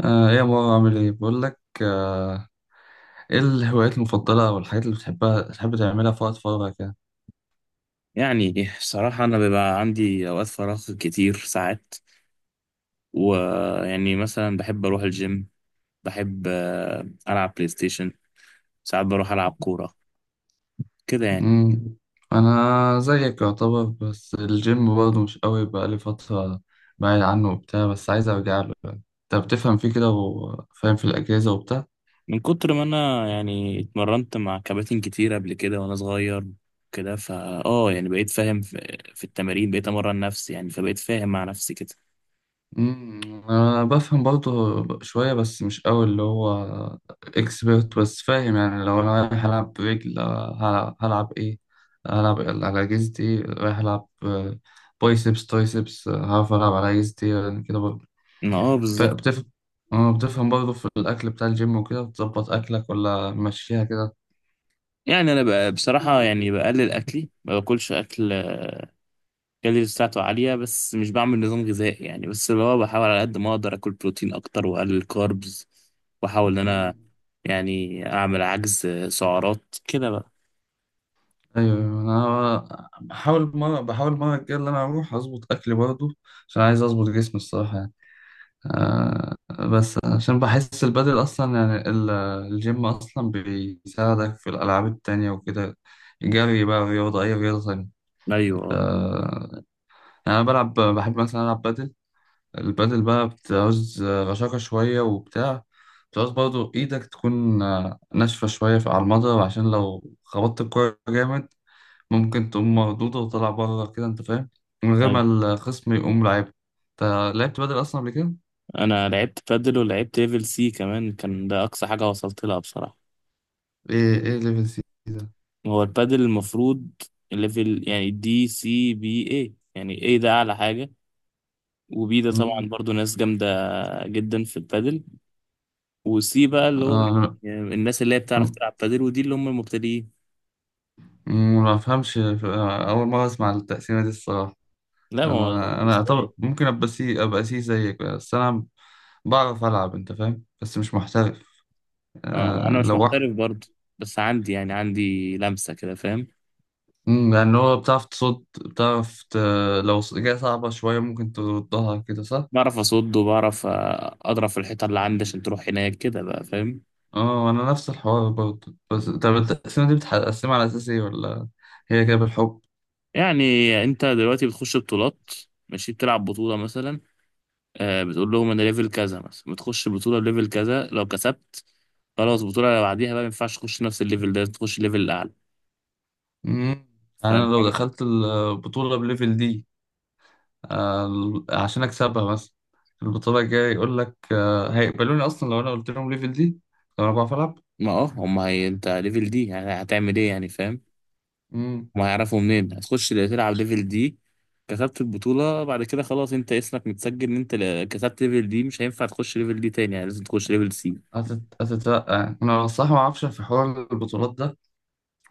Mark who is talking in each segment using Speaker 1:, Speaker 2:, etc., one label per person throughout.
Speaker 1: ايه يا مروة عامل ايه؟ بقول لك، ايه الهوايات المفضلة او الحاجات اللي بتحبها تحب تعملها في وقت فراغك يعني؟
Speaker 2: يعني صراحة أنا بيبقى عندي أوقات فراغ كتير ساعات، ويعني مثلا بحب أروح الجيم. بحب ألعب بلاي ستيشن. ساعات بروح ألعب كورة كده يعني.
Speaker 1: مم. انا زيك يعتبر، بس الجيم برضه مش قوي بقالي فترة بعيد عنه وبتاع، بس عايز ارجع له يعني. انت بتفهم فيه كده وفاهم في الأجهزة وبتاع؟
Speaker 2: من كتر ما أنا يعني اتمرنت مع كباتن كتير قبل كده وأنا صغير كده، فا آه يعني بقيت فاهم في التمارين، بقيت أمرن نفسي يعني، فبقيت فاهم مع نفسي كده.
Speaker 1: مم، أنا بفهم برضه شوية بس مش أوي اللي هو إكسبرت، بس فاهم. يعني لو أنا رايح ألعب رجل، هلعب إيه؟ هلعب على جزتي إيه؟ رايح ألعب، بايسبس ترايسبس. هعرف ألعب على جزتي إيه يعني، كده برضه.
Speaker 2: ما بالظبط.
Speaker 1: فبتفهم، بتفهم برضه في الأكل بتاع الجيم وكده؟ بتظبط أكلك ولا ماشيها كده؟
Speaker 2: يعني أنا بقى بصراحة يعني بقلل أكلي، ما باكلش أكل الكالوريز بتاعته عالية، بس مش بعمل نظام غذائي يعني، بس اللي هو بحاول على قد ما أقدر آكل بروتين أكتر وأقلل كاربز، وأحاول إن
Speaker 1: مم.
Speaker 2: أنا يعني أعمل عجز سعرات كده بقى.
Speaker 1: ايوه أيوة، انا بحاول مره، بحاول المره الجايه اللي انا اروح اظبط اكلي برضه، عشان عايز اظبط جسمي الصراحه يعني. آه، بس عشان بحس البدل أصلا يعني الجيم أصلا بيساعدك في الألعاب التانية وكده، جري بقى، رياضة، أي رياضة تانية.
Speaker 2: أيوه
Speaker 1: آه، يعني أنا بلعب، بحب مثلا ألعب بدل. البدل بقى بتعوز رشاقة شوية وبتاع، بتعوز برضو إيدك تكون ناشفة شوية على المضرب، عشان لو خبطت الكورة جامد ممكن تقوم مردودة وطلع بره كده، أنت فاهم، من غير ما
Speaker 2: أيوه.
Speaker 1: الخصم يقوم لعيب. أنت لعبت بدل أصلا قبل كده؟
Speaker 2: أنا لعبت بادل ولعبت ليفل سي كمان، كان ده أقصى حاجة وصلت لها بصراحة.
Speaker 1: إيه إيه ليفل سي؟
Speaker 2: هو البادل المفروض ليفل، يعني دي سي بي اي، يعني اي ده أعلى حاجة، وبي ده طبعا
Speaker 1: مم.
Speaker 2: برضو ناس جامدة جدا في البادل، وسي بقى اللي هو
Speaker 1: آه،
Speaker 2: يعني الناس اللي هي بتعرف
Speaker 1: أنا
Speaker 2: تلعب بادل، ودي اللي هم المبتدئين.
Speaker 1: مم، ما بفهمش، أول مرة أسمع التقسيمة دي الصراحة.
Speaker 2: لا ما هو.
Speaker 1: أنا أعتبر
Speaker 2: ازاي؟
Speaker 1: ممكن أبقى سي، أبقى سي زيك، بس أنا بعرف ألعب، أنت فاهم، بس مش محترف.
Speaker 2: اه
Speaker 1: آه،
Speaker 2: وانا مش
Speaker 1: لو واحد.
Speaker 2: محترف برضه، بس عندي يعني عندي لمسة كده فاهم.
Speaker 1: مم، يعني هو بتعرف تصد، بتعرف ت... لو جاية صعبة شوية ممكن تردها كده صح؟
Speaker 2: بعرف اصد وبعرف اضرب في الحيطة اللي عندي عشان تروح هناك كده بقى فاهم.
Speaker 1: اه، أنا نفس الحوار برضه. بس طب التقسيمة دي بتقسمها على أساس إيه؟ ولا هي كده بالحب؟
Speaker 2: يعني انت دلوقتي بتخش بطولات ماشي، بتلعب بطولة مثلا، بتقول لهم انا ليفل كذا مثلا، بتخش بطولة بليفل كذا. لو كسبت خلاص، البطولة اللي بعديها بقى ما ينفعش تخش نفس الليفل ده، تخش ليفل اعلى.
Speaker 1: مم. يعني أنا
Speaker 2: فاهم
Speaker 1: لو
Speaker 2: حاجة؟
Speaker 1: دخلت البطولة بليفل دي، عشان اكسبها مثلا، في البطوله الجايه يقول لك هيقبلوني اصلا لو انا قلت لهم ليفل دي؟ لو انا بعرف العب.
Speaker 2: ما اه هم هي، انت ليفل دي يعني هتعمل ايه يعني فاهم؟
Speaker 1: امم.
Speaker 2: ما هيعرفوا منين هتخش تلعب ليفل دي. كسبت البطولة بعد كده خلاص انت اسمك متسجل ان انت كسبت ليفل دي، مش هينفع تخش ليفل دي تاني، يعني لازم تخش ليفل سي.
Speaker 1: هتترقى انا صح؟ ما اعرفش في حوار البطولات ده.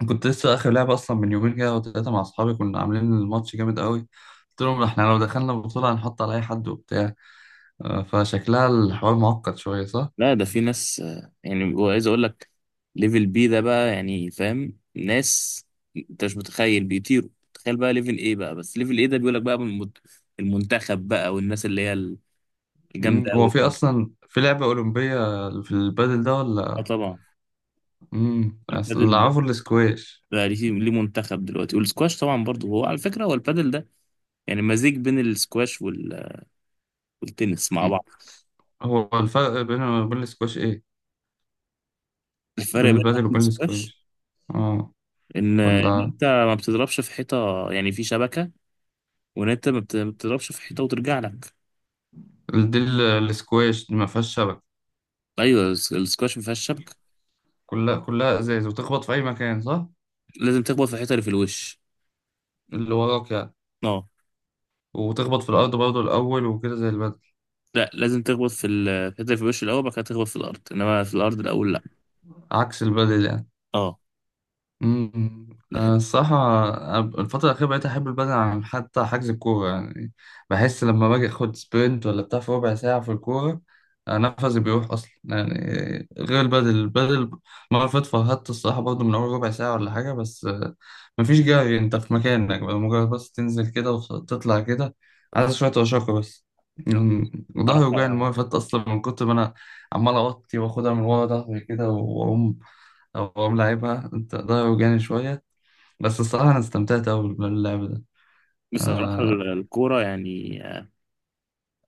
Speaker 1: كنت لسه اخر لعبه اصلا من يومين كده وثلاثه مع اصحابي، كنا عاملين الماتش جامد قوي. قلت لهم احنا لو دخلنا البطوله هنحط على اي حد وبتاع. فشكلها الحوار معقد شويه صح.
Speaker 2: لا ده في ناس يعني وعايز اقول لك ليفل بي ده بقى يعني فاهم، ناس انت مش متخيل بيطيروا، تخيل بقى ليفل ايه بقى، بس ليفل ايه ده بيقول لك بقى من المنتخب بقى، والناس اللي هي
Speaker 1: مم.
Speaker 2: الجامدة
Speaker 1: هو
Speaker 2: قوي.
Speaker 1: في اصلا في لعبه اولمبيه في البادل ده
Speaker 2: اه
Speaker 1: ولا؟
Speaker 2: طبعا.
Speaker 1: امم. اللي
Speaker 2: البادل ده
Speaker 1: اعرفه السكواش.
Speaker 2: بقى ليه ليه منتخب دلوقتي، والسكواش طبعا برضه، هو على فكرة هو البادل ده يعني مزيج بين السكواش والتنس مع بعض.
Speaker 1: هو الفرق بين وبين السكواش ايه؟
Speaker 2: الفرق
Speaker 1: بين
Speaker 2: بينهم
Speaker 1: البادل
Speaker 2: وبين
Speaker 1: وبين
Speaker 2: السكواش
Speaker 1: السكواش؟ اه.
Speaker 2: ان
Speaker 1: ولا
Speaker 2: انت ما بتضربش في حيطه، يعني في شبكه. وان انت ما بتضربش في حيطه وترجع لك.
Speaker 1: السكواش دي ما فيهاش شبكه؟
Speaker 2: ايوه السكواش ما فيهاش شبكه.
Speaker 1: كلها ازاز وتخبط في اي مكان صح؟
Speaker 2: لازم تخبط في الحيطه اللي في الوش.
Speaker 1: اللي وراك يعني.
Speaker 2: اه.
Speaker 1: وتخبط في الارض برضه الاول وكده زي البادل؟
Speaker 2: لا لازم تخبط في في الحيطه اللي في الوش الاول، بعد كده تخبط في الارض، انما في الارض الاول لا.
Speaker 1: عكس البادل يعني.
Speaker 2: اه.
Speaker 1: أمم،
Speaker 2: لا.
Speaker 1: الصراحة أنا الفترة الأخيرة بقيت أحب البدن عن حتى حجز الكورة يعني. بحس لما باجي أخد سبرنت ولا بتاع في ربع ساعة في الكورة، نفسي بيروح أصلا يعني. غير البدل، البدل مرة فاتت فرهدت الصراحة برضه من أول ربع ساعة ولا حاجة، بس مفيش جري، أنت في مكانك بقى، مجرد بس تنزل كده وتطلع كده، عايز شوية رشاقة بس يعني. ظهري وجعني المرة
Speaker 2: بصراحه
Speaker 1: اللي فاتت أصلا من كتر ما أنا عمال أوطي وآخدها من ورا ظهري كده وأقوم، او هو ملاعبها انت ده وجعني شوية، بس الصراحة أنا استمتعت أوي باللعب ده.
Speaker 2: بصراحه
Speaker 1: آه.
Speaker 2: الكوره يعني،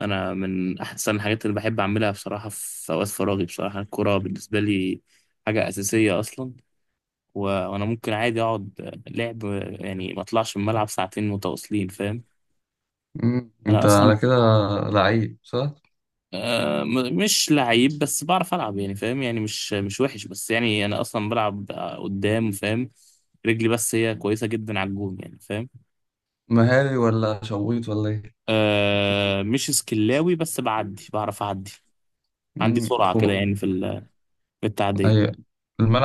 Speaker 2: انا من احسن الحاجات اللي بحب اعملها بصراحه في اوقات فراغي، بصراحه الكوره بالنسبه لي حاجه اساسيه اصلا. وانا ممكن عادي اقعد لعب، يعني ما اطلعش من الملعب ساعتين متواصلين فاهم.
Speaker 1: مم.
Speaker 2: انا
Speaker 1: أنت
Speaker 2: اصلا
Speaker 1: على كده لعيب صح؟
Speaker 2: مش لعيب بس بعرف العب يعني فاهم، يعني مش وحش، بس يعني انا اصلا بلعب قدام فاهم، رجلي بس هي كويسه جدا على الجون يعني فاهم.
Speaker 1: مهاري ولا شويط ولا إيه؟
Speaker 2: مش سكلاوي بس بعدي بعرف اعدي. عندي
Speaker 1: مم.
Speaker 2: سرعه كده
Speaker 1: خم...
Speaker 2: يعني في في التعديه.
Speaker 1: أيوة،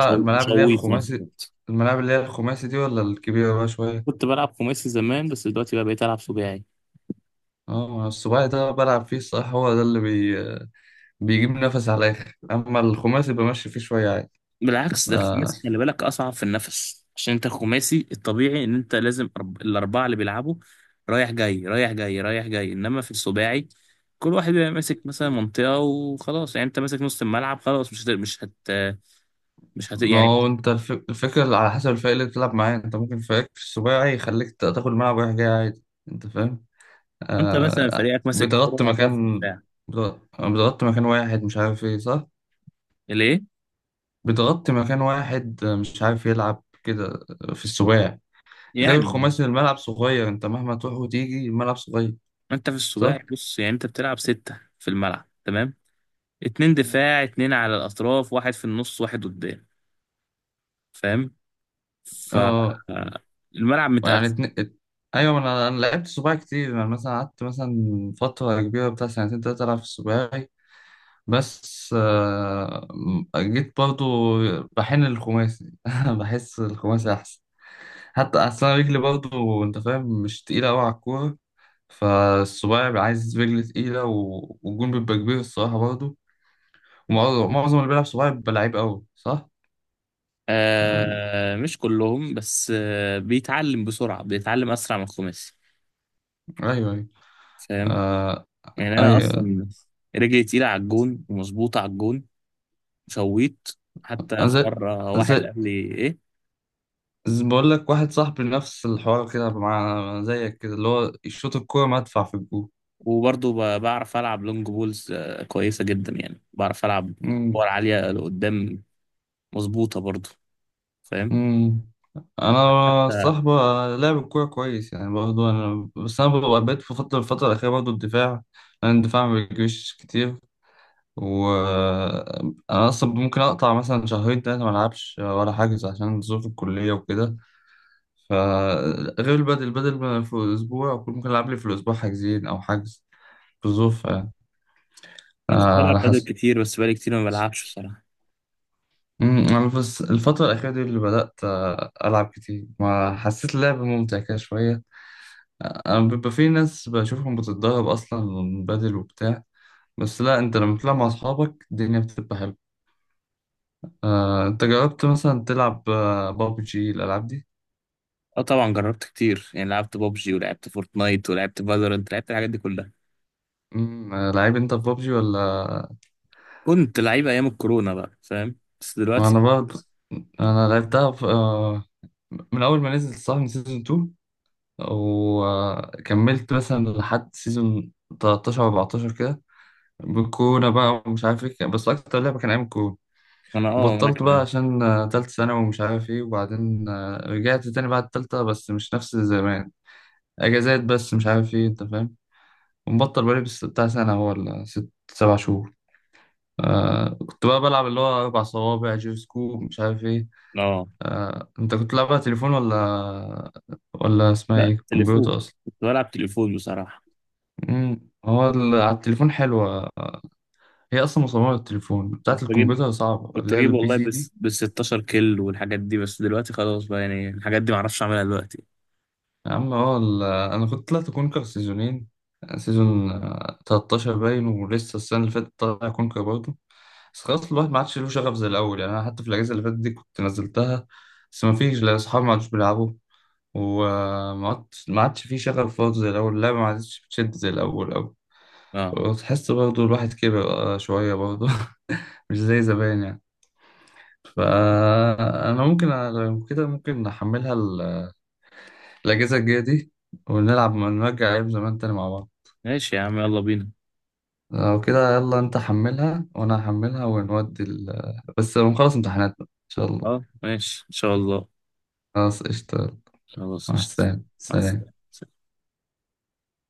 Speaker 1: الملاعب
Speaker 2: مش
Speaker 1: اللي هي
Speaker 2: غويط نفسي.
Speaker 1: الخماسي، الملاعب اللي هي الخماسي دي ولا الكبيرة بقى شوية؟
Speaker 2: كنت بلعب خماسي زمان، بس دلوقتي بقى بقيت العب سباعي.
Speaker 1: اه، السباعي ده بلعب فيه الصراحة، هو ده اللي بي... بيجيب نفس على الآخر، أما الخماسي بمشي فيه شوية عادي.
Speaker 2: بالعكس، ده
Speaker 1: آه.
Speaker 2: الخماسي خلي بالك اصعب في النفس، عشان انت الخماسي الطبيعي ان انت لازم الاربعه اللي بيلعبوا رايح جاي رايح جاي رايح جاي، انما في السباعي كل واحد بيبقى ماسك مثلا منطقه وخلاص، يعني انت ماسك نص الملعب خلاص مش هت... مش هت... مش هت...
Speaker 1: ما
Speaker 2: يعني.
Speaker 1: هو انت الفكرة على حسب الفريق اللي بتلعب معاه، انت ممكن فريق السباعي يخليك تاخد الملعب رايح جاي عادي، انت فاهم.
Speaker 2: انت مثلا
Speaker 1: آه،
Speaker 2: فريقك ماسك
Speaker 1: بتغطي
Speaker 2: كوره هتقف في
Speaker 1: مكان،
Speaker 2: الدفاع
Speaker 1: بتغطي مكان واحد مش عارف ايه صح.
Speaker 2: ليه؟
Speaker 1: بتغطي مكان واحد، مش عارف يلعب كده في السباعي، غير
Speaker 2: يعني
Speaker 1: الخماسي الملعب صغير، انت مهما تروح وتيجي الملعب صغير.
Speaker 2: انت في
Speaker 1: صح.
Speaker 2: السباعي بص، يعني انت بتلعب سته في الملعب تمام، اتنين
Speaker 1: مم.
Speaker 2: دفاع اتنين على الاطراف واحد في النص واحد قدام فاهم. ف آه،
Speaker 1: اه.
Speaker 2: الملعب
Speaker 1: يعني
Speaker 2: متقسم.
Speaker 1: ايوه، ما انا لعبت سباعي كتير يعني، مثلا قعدت مثلا فترة كبيرة بتاع سنتين تلاتة العب في السباعي، بس جيت برضو بحن الخماسي، بحس الخماسي أحسن، حتى أحسن رجلي برضو أنت فاهم، مش تقيلة أوي على الكورة. فالصباعي بيبقى عايز رجل تقيلة، والجون بيبقى كبير الصراحة برضو، ومعظم معظم اللي بيلعب صباعي بيبقى لعيب أوي صح؟ يعني
Speaker 2: مش كلهم، بس بيتعلم بسرعة، بيتعلم أسرع من الخماسي
Speaker 1: أيوه أيوه.
Speaker 2: فاهم.
Speaker 1: آه،
Speaker 2: يعني أنا
Speaker 1: أيوه.
Speaker 2: أصلا رجلي تقيلة على الجون ومظبوطة على الجون شويت، حتى
Speaker 1: أنا
Speaker 2: في مرة واحد
Speaker 1: زي
Speaker 2: قال لي إيه.
Speaker 1: بقول لك، واحد صاحبي نفس الحوار كده مع زيك كده، اللي هو يشوط الكورة مدفع في الجون.
Speaker 2: وبرضه بعرف ألعب لونج بولز كويسة جدا، يعني بعرف ألعب كور عالية لقدام مظبوطة برضه فاهم.
Speaker 1: مم. انا الصراحه لاعب الكوره كويس يعني برضه انا، بس انا ببقى بقيت في فتره، الفتره الاخيره برضه الدفاع، لان الدفاع ما بيجريش كتير. وانا اصلا ممكن اقطع مثلا شهرين ثلاثه ما العبش ولا حاجز، عشان ظروف الكليه وكده. فغير البدل، البدل ما في الاسبوع أكون ممكن العب لي في الاسبوع حاجزين او حجز، في الظروف يعني،
Speaker 2: أنا كنت
Speaker 1: على
Speaker 2: بلعب بادل
Speaker 1: حسب.
Speaker 2: كتير، بس بقالي كتير ما بلعبش بصراحة.
Speaker 1: مم، انا بس الفتره الاخيره دي اللي بدات العب كتير ما حسيت اللعب ممتع كده شويه. أنا بيبقى في ناس بشوفهم بتتدرب أصلا بدل وبتاع، بس لا، أنت لما تلعب مع أصحابك الدنيا بتبقى حلوة. أنت جربت مثلا تلعب بابجي الألعاب دي؟
Speaker 2: اه طبعا جربت كتير، يعني لعبت بابجي ولعبت فورتنايت ولعبت فالورنت، لعبت الحاجات دي كلها.
Speaker 1: مم، لعيب أنت في بابجي ولا؟
Speaker 2: كنت لعيب ايام الكورونا بقى فاهم، بس
Speaker 1: أنا
Speaker 2: دلوقتي.
Speaker 1: برضه أنا لعبتها في... من أول ما نزلت صح، من سيزون 2، وكملت مثلا لحد سيزون 13 14 كده، بالكورونا بقى ومش عارف إيه، بس أكتر لعبة كان أيام الكورونا.
Speaker 2: انا اه وانا
Speaker 1: وبطلت بقى
Speaker 2: كمان.
Speaker 1: عشان تالتة ثانوي ومش عارف ايه، وبعدين رجعت تاني بعد التالتة بس مش نفس زمان، اجازات بس مش عارف ايه انت فاهم. ومبطل بقالي بس بتاع سنة هو ولا ست سبع شهور. آه، كنت بقى بلعب اللي هو أربع صوابع جيرو سكوب مش عارف ايه.
Speaker 2: اه
Speaker 1: آه، انت كنت بتلعبها تليفون ولا، ولا اسمها
Speaker 2: لا،
Speaker 1: ايه
Speaker 2: تليفون.
Speaker 1: كمبيوتر اصلا؟
Speaker 2: كنت بلعب تليفون بصراحه.
Speaker 1: امم. هو على التليفون حلوة، هي اصلا مصممة للتليفون، بتاعة
Speaker 2: كنت بجيب
Speaker 1: الكمبيوتر صعبة
Speaker 2: كنت
Speaker 1: اللي هي
Speaker 2: بجيب
Speaker 1: البي
Speaker 2: والله،
Speaker 1: سي دي.
Speaker 2: بس بال 16 كيل والحاجات دي، بس دلوقتي خلاص بقى، يعني الحاجات دي معرفش اعملها دلوقتي.
Speaker 1: يا عم اه، انا كنت طلعت كونكر سيزونين، سيزون 13 باين، ولسه السنه اللي فاتت طالع كونكر برضه. بس خلاص، الواحد ما عادش له شغف زي الاول يعني، انا حتى في الاجازه اللي فاتت دي كنت نزلتها، بس ما فيش، لا اصحابي ما عادش بيلعبوا، وما عادش ما عادش في شغف برضه زي الاول، اللعبه ما عادش بتشد زي الاول أوي.
Speaker 2: اه
Speaker 1: وتحس برضه الواحد كبر شويه برضه، مش زي زمان يعني. فانا ممكن لو كده ممكن نحملها الاجازه الجايه دي ونلعب، نرجع ايام زمان تاني مع بعض.
Speaker 2: ماشي يا عم يلا بينا.
Speaker 1: لو كده يلا، انت حملها وانا هحملها ونودي ال... بس نخلص امتحاناتنا ان شاء الله.
Speaker 2: اه ماشي ان شاء الله.
Speaker 1: خلاص قشطة.
Speaker 2: خلاص
Speaker 1: مع
Speaker 2: قشطة.
Speaker 1: السلامة،
Speaker 2: مع
Speaker 1: سلام.
Speaker 2: السلامه.